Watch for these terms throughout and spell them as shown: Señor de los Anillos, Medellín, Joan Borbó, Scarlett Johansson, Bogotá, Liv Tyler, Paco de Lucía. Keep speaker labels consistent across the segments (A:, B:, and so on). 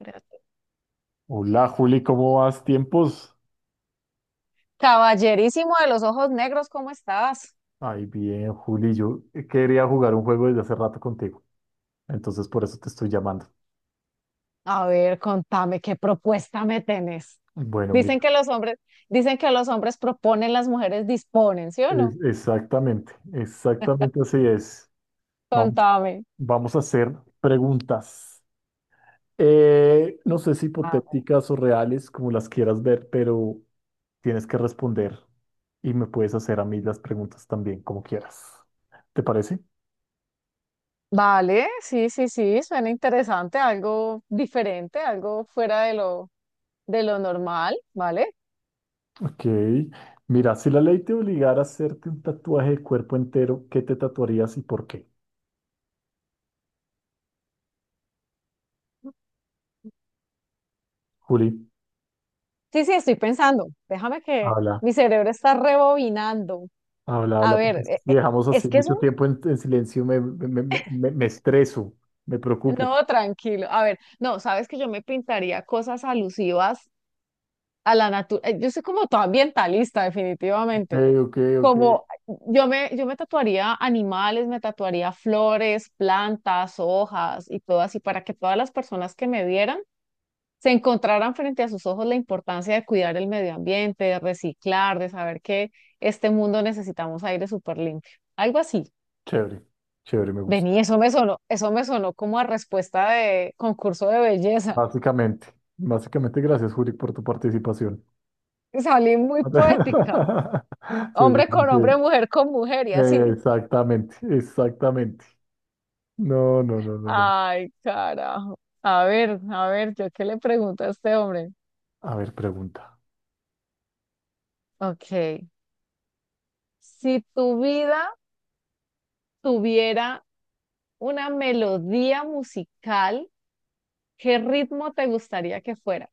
A: Espérate.
B: Hola Juli, ¿cómo vas? ¿Tiempos?
A: Caballerísimo de los ojos negros, ¿cómo estás?
B: Ay, bien, Juli, yo quería jugar un juego desde hace rato contigo, entonces por eso te estoy llamando.
A: A ver, contame qué propuesta me tenés.
B: Bueno,
A: Dicen
B: mira,
A: que los hombres, dicen que los hombres proponen, las mujeres disponen, ¿sí o no?
B: exactamente, exactamente así es. Vamos,
A: Contame.
B: vamos a hacer preguntas. No sé si
A: A ver.
B: hipotéticas o reales, como las quieras ver, pero tienes que responder y me puedes hacer a mí las preguntas también, como quieras. ¿Te parece?
A: Vale, sí, sí, sí, suena interesante, algo diferente, algo fuera de lo normal, ¿vale?
B: Ok. Mira, si la ley te obligara a hacerte un tatuaje de cuerpo entero, ¿qué te tatuarías y por qué? Juli,
A: Sí, sí, estoy pensando. Déjame que
B: habla,
A: mi cerebro está rebobinando.
B: habla,
A: A
B: habla, porque
A: ver,
B: si dejamos
A: es
B: así
A: que es
B: mucho
A: un...
B: tiempo en silencio, me estreso, me preocupo.
A: No, tranquilo. A ver, no, sabes que yo me pintaría cosas alusivas a la naturaleza. Yo soy como toda ambientalista,
B: Ok,
A: definitivamente.
B: ok, ok.
A: Como yo me tatuaría animales, me tatuaría flores, plantas, hojas y todo así, para que todas las personas que me vieran se encontraran frente a sus ojos la importancia de cuidar el medio ambiente, de reciclar, de saber que este mundo necesitamos aire súper limpio. Algo así.
B: Chévere, chévere, me gusta.
A: Vení, eso me sonó como a respuesta de concurso de belleza.
B: Básicamente, básicamente, gracias, Juli, por tu participación.
A: Salí muy poética.
B: Sí, sí,
A: Hombre
B: sí,
A: con hombre,
B: sí.
A: mujer con mujer y así.
B: Exactamente, exactamente. No, no, no, no, no.
A: Ay, carajo. A ver, ¿yo qué le pregunto a este hombre?
B: A ver, pregunta.
A: Ok. Si tu vida tuviera una melodía musical, ¿qué ritmo te gustaría que fuera?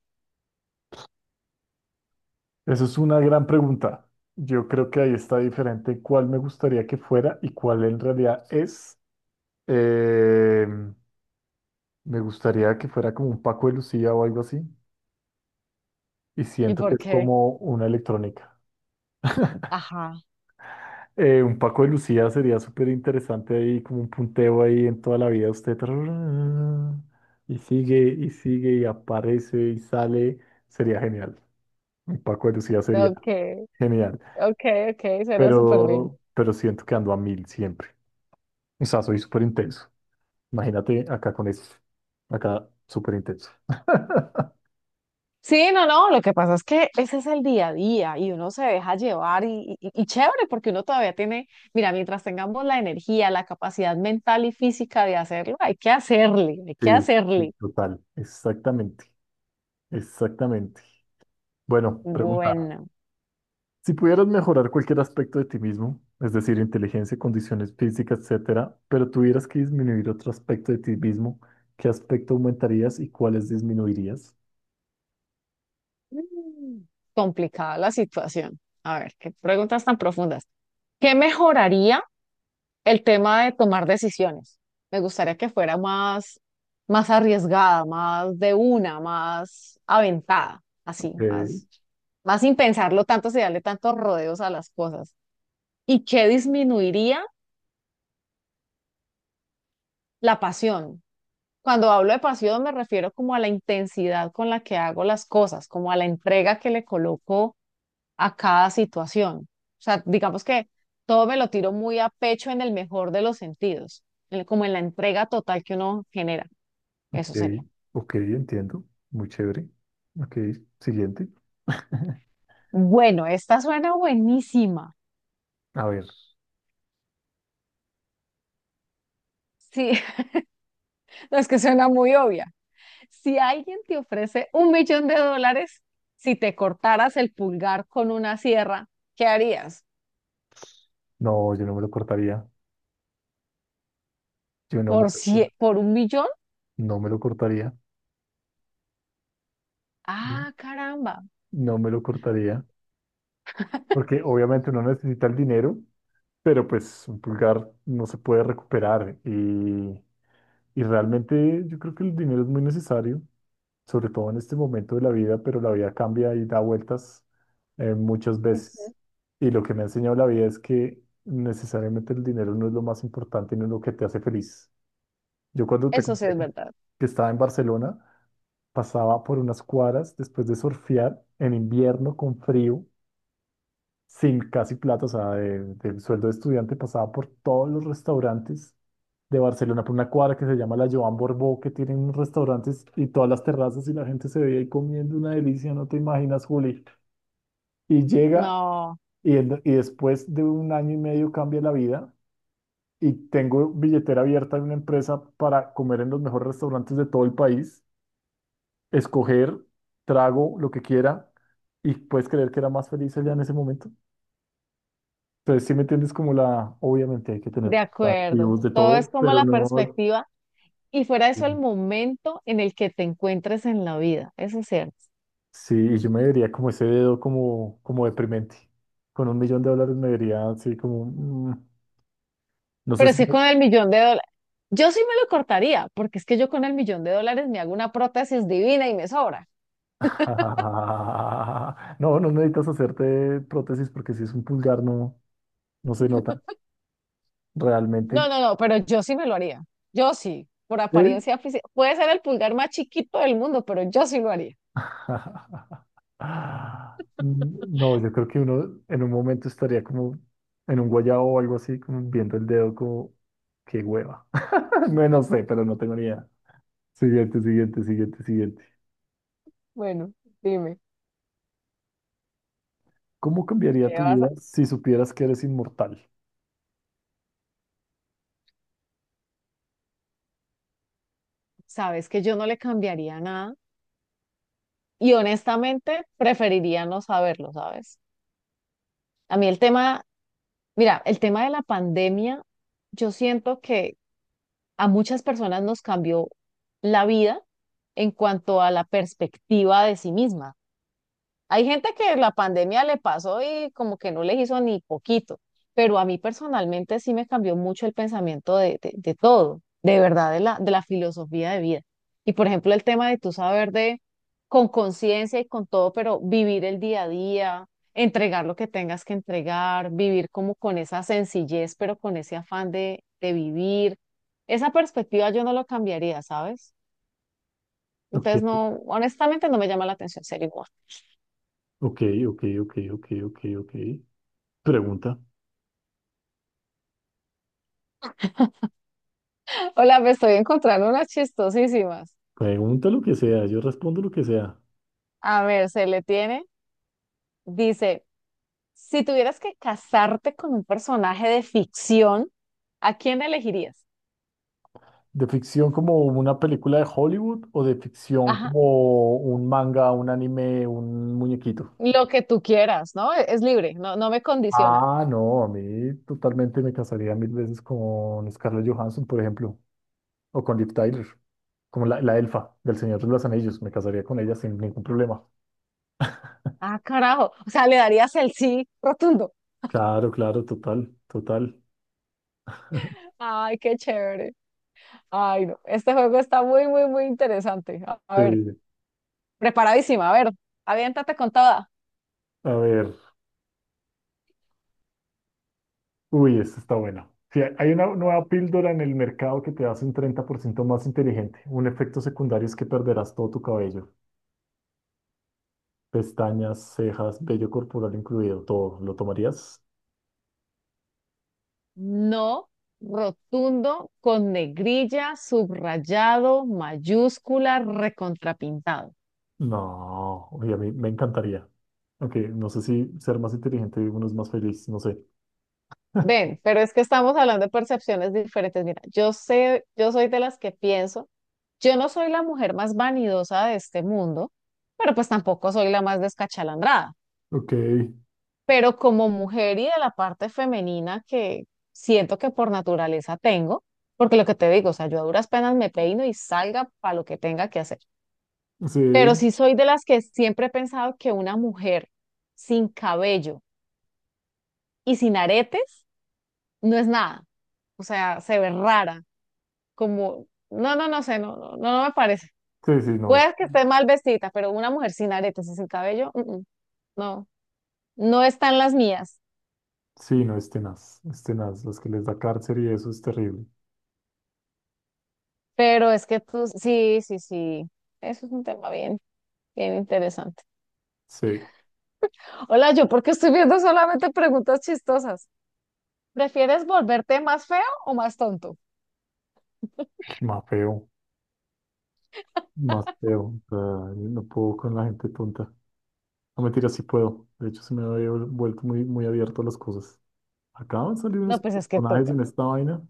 B: Eso es una gran pregunta. Yo creo que ahí está diferente cuál me gustaría que fuera y cuál en realidad es. Eh, Me gustaría que fuera como un Paco de Lucía o algo así. Y
A: ¿Y
B: siento que
A: por
B: es
A: qué?
B: como una electrónica.
A: Ajá.
B: Un Paco de Lucía sería súper interesante ahí, como un punteo ahí en toda la vida. Usted tararara, y sigue y sigue y aparece y sale. Sería genial. Un Paco de Lucía sería
A: Ok,
B: genial.
A: ok, ok, suena súper bien.
B: Pero siento que ando a mil siempre. O sea, soy súper intenso. Imagínate acá con eso. Acá súper intenso.
A: Sí, no, no, lo que pasa es que ese es el día a día y uno se deja llevar y chévere porque uno todavía tiene, mira, mientras tengamos la energía, la capacidad mental y física de hacerlo, hay que hacerle, hay que
B: Sí, sí,
A: hacerle.
B: total. Exactamente. Exactamente. Bueno, pregunta.
A: Bueno,
B: Si pudieras mejorar cualquier aspecto de ti mismo, es decir, inteligencia, condiciones físicas, etcétera, pero tuvieras que disminuir otro aspecto de ti mismo, ¿qué aspecto aumentarías y cuáles disminuirías?
A: mm, complicada la situación. A ver, qué preguntas tan profundas. ¿Qué mejoraría? El tema de tomar decisiones. Me gustaría que fuera más, más arriesgada, más de una, más aventada, así,
B: Ok,
A: más, más sin pensarlo tanto, sin darle tantos rodeos a las cosas. ¿Y qué disminuiría? La pasión. Cuando hablo de pasión me refiero como a la intensidad con la que hago las cosas, como a la entrega que le coloco a cada situación. O sea, digamos que todo me lo tiro muy a pecho en el mejor de los sentidos, como en la entrega total que uno genera. Eso
B: ok,
A: sería.
B: ok, entiendo. Muy chévere. Ok, siguiente.
A: Bueno, esta suena buenísima.
B: A ver,
A: Sí, no, es que suena muy obvia. Si alguien te ofrece un millón de dólares, si te cortaras el pulgar con una sierra, ¿qué harías?
B: no, yo no me lo cortaría. Yo no me
A: ¿Por,
B: lo cortaría.
A: por un millón?
B: No me lo cortaría.
A: Ah, caramba.
B: No me lo cortaría. Porque obviamente uno necesita el dinero, pero pues un pulgar no se puede recuperar. Y realmente yo creo que el dinero es muy necesario, sobre todo en este momento de la vida, pero la vida cambia y da vueltas muchas veces. Y lo que me ha enseñado la vida es que necesariamente el dinero no es lo más importante, no es lo que te hace feliz. Yo cuando te
A: Eso sí
B: conté
A: es
B: que
A: verdad.
B: que estaba en Barcelona, pasaba por unas cuadras después de surfear en invierno con frío, sin casi plata, o sea, del sueldo de estudiante pasaba por todos los restaurantes de Barcelona, por una cuadra que se llama la Joan Borbó, que tienen unos restaurantes y todas las terrazas y la gente se veía ahí comiendo una delicia, no te imaginas, Juli. Y llega
A: No.
B: y después de un año y medio cambia la vida. Y tengo billetera abierta en una empresa para comer en los mejores restaurantes de todo el país escoger, trago lo que quiera y puedes creer que era más feliz allá en ese momento. Entonces, si me entiendes como la, obviamente hay que tener
A: De acuerdo,
B: activos de
A: todo es
B: todo,
A: como
B: pero
A: la
B: no.
A: perspectiva y fuera de eso el momento en el que te encuentres en la vida, eso es cierto.
B: Sí, y yo me vería como ese dedo como, como deprimente. Con un millón de dólares me vería así como, no sé
A: Pero
B: si...
A: es que con el millón de dólares, yo sí me lo cortaría, porque es que yo con el millón de dólares me hago una prótesis divina y me sobra.
B: No, no necesitas hacerte prótesis porque si es un pulgar no, no se nota
A: No,
B: realmente.
A: no, no, pero yo sí me lo haría, yo sí, por
B: Sí.
A: apariencia física. Puede ser el pulgar más chiquito del mundo, pero yo sí lo haría.
B: Ah, no, yo creo que uno en un momento estaría como en un guayabo o algo así, como viendo el dedo como, qué hueva. No, no sé, pero no tengo ni idea. Siguiente, siguiente, siguiente, siguiente.
A: Bueno, dime,
B: ¿Cómo cambiaría
A: ¿qué
B: tu
A: vas
B: vida
A: a...?
B: si supieras que eres inmortal?
A: Sabes que yo no le cambiaría nada y honestamente preferiría no saberlo, ¿sabes? A mí el tema... Mira, el tema de la pandemia, yo siento que a muchas personas nos cambió la vida en cuanto a la perspectiva de sí mismas. Hay gente que la pandemia le pasó y como que no les hizo ni poquito, pero a mí personalmente sí me cambió mucho el pensamiento de todo, de verdad, de la filosofía de vida. Y por ejemplo, el tema de tu saber de con conciencia y con todo, pero vivir el día a día, entregar lo que tengas que entregar, vivir como con esa sencillez, pero con ese afán de vivir. Esa perspectiva yo no lo cambiaría, ¿sabes?
B: Ok,
A: Entonces, no, honestamente no me llama la atención ser igual.
B: ok, ok, ok, ok, ok, ok. Pregunta.
A: Hola, me estoy encontrando unas chistosísimas.
B: Pregunta lo que sea, yo respondo lo que sea.
A: A ver, se le tiene. Dice, si tuvieras que casarte con un personaje de ficción, ¿a quién elegirías?
B: ¿De ficción como una película de Hollywood o de ficción
A: Ajá,
B: como un manga, un anime, un muñequito?
A: lo que tú quieras, ¿no? Es libre, no, no me condiciona.
B: Ah, no, a mí totalmente me casaría mil veces con Scarlett Johansson, por ejemplo, o con Liv Tyler, como la elfa del Señor de los Anillos. Me casaría con ella sin ningún problema.
A: Ah, carajo. O sea, le darías el sí rotundo.
B: Claro, claro, total, total.
A: Ay, qué chévere. Ay, no. Este juego está muy, muy, muy interesante. A
B: Sí,
A: ver, preparadísima. A ver, aviéntate con toda.
B: a ver, uy, esta está buena. Si hay una
A: A ver.
B: nueva píldora en el mercado que te hace un 30% más inteligente. Un efecto secundario es que perderás todo tu cabello, pestañas, cejas, vello corporal incluido, todo. ¿Lo tomarías?
A: No, rotundo, con negrilla, subrayado, mayúscula, recontrapintado.
B: No, oye, a mí me encantaría. Ok, no sé si ser más inteligente uno es más feliz, no sé.
A: Ven, pero es que estamos hablando de percepciones diferentes. Mira, yo sé, yo soy de las que pienso, yo no soy la mujer más vanidosa de este mundo, pero pues tampoco soy la más descachalandrada.
B: Ok,
A: Pero como mujer y de la parte femenina que siento que por naturaleza tengo, porque lo que te digo, o sea, yo a duras penas me peino y salga para lo que tenga que hacer. Pero
B: sí,
A: sí soy de las que siempre he pensado que una mujer sin cabello y sin aretes no es nada, o sea, se ve rara, como, no, no, no sé, no, no, no, no me parece.
B: sí, sí, no es.
A: Puede que esté mal vestida, pero una mujer sin aretes y sin cabello, no, no están las mías.
B: Sí, no es tenaz, es tenaz. Los que les da cárcel y eso es terrible.
A: Pero es que tú, sí, sí, sí. Eso es un tema bien... Bien interesante.
B: Sí,
A: Hola, yo porque estoy viendo solamente preguntas chistosas. ¿Prefieres volverte más feo o más tonto?
B: más feo, más feo. O sea, no puedo con la gente tonta. No, mentira, sí puedo. De hecho, se me había vuelto muy, muy abierto a las cosas. Acaban de salir unos
A: No, pues es que
B: personajes
A: toca.
B: en esta vaina.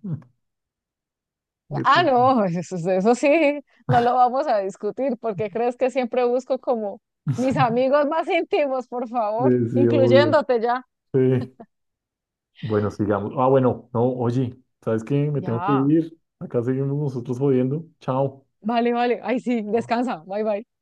B: Sí,
A: Ah,
B: sí,
A: no, eso sí, no lo vamos a discutir porque crees que siempre busco como mis amigos más íntimos, por
B: sí,
A: favor,
B: sí, obvio.
A: incluyéndote ya.
B: Sí, bueno, sigamos. Ah, bueno, no, oye, ¿sabes qué? Me tengo que
A: Ya,
B: ir. Acá seguimos nosotros jodiendo. Chao.
A: vale, vale. Ay, sí, descansa. Bye, bye.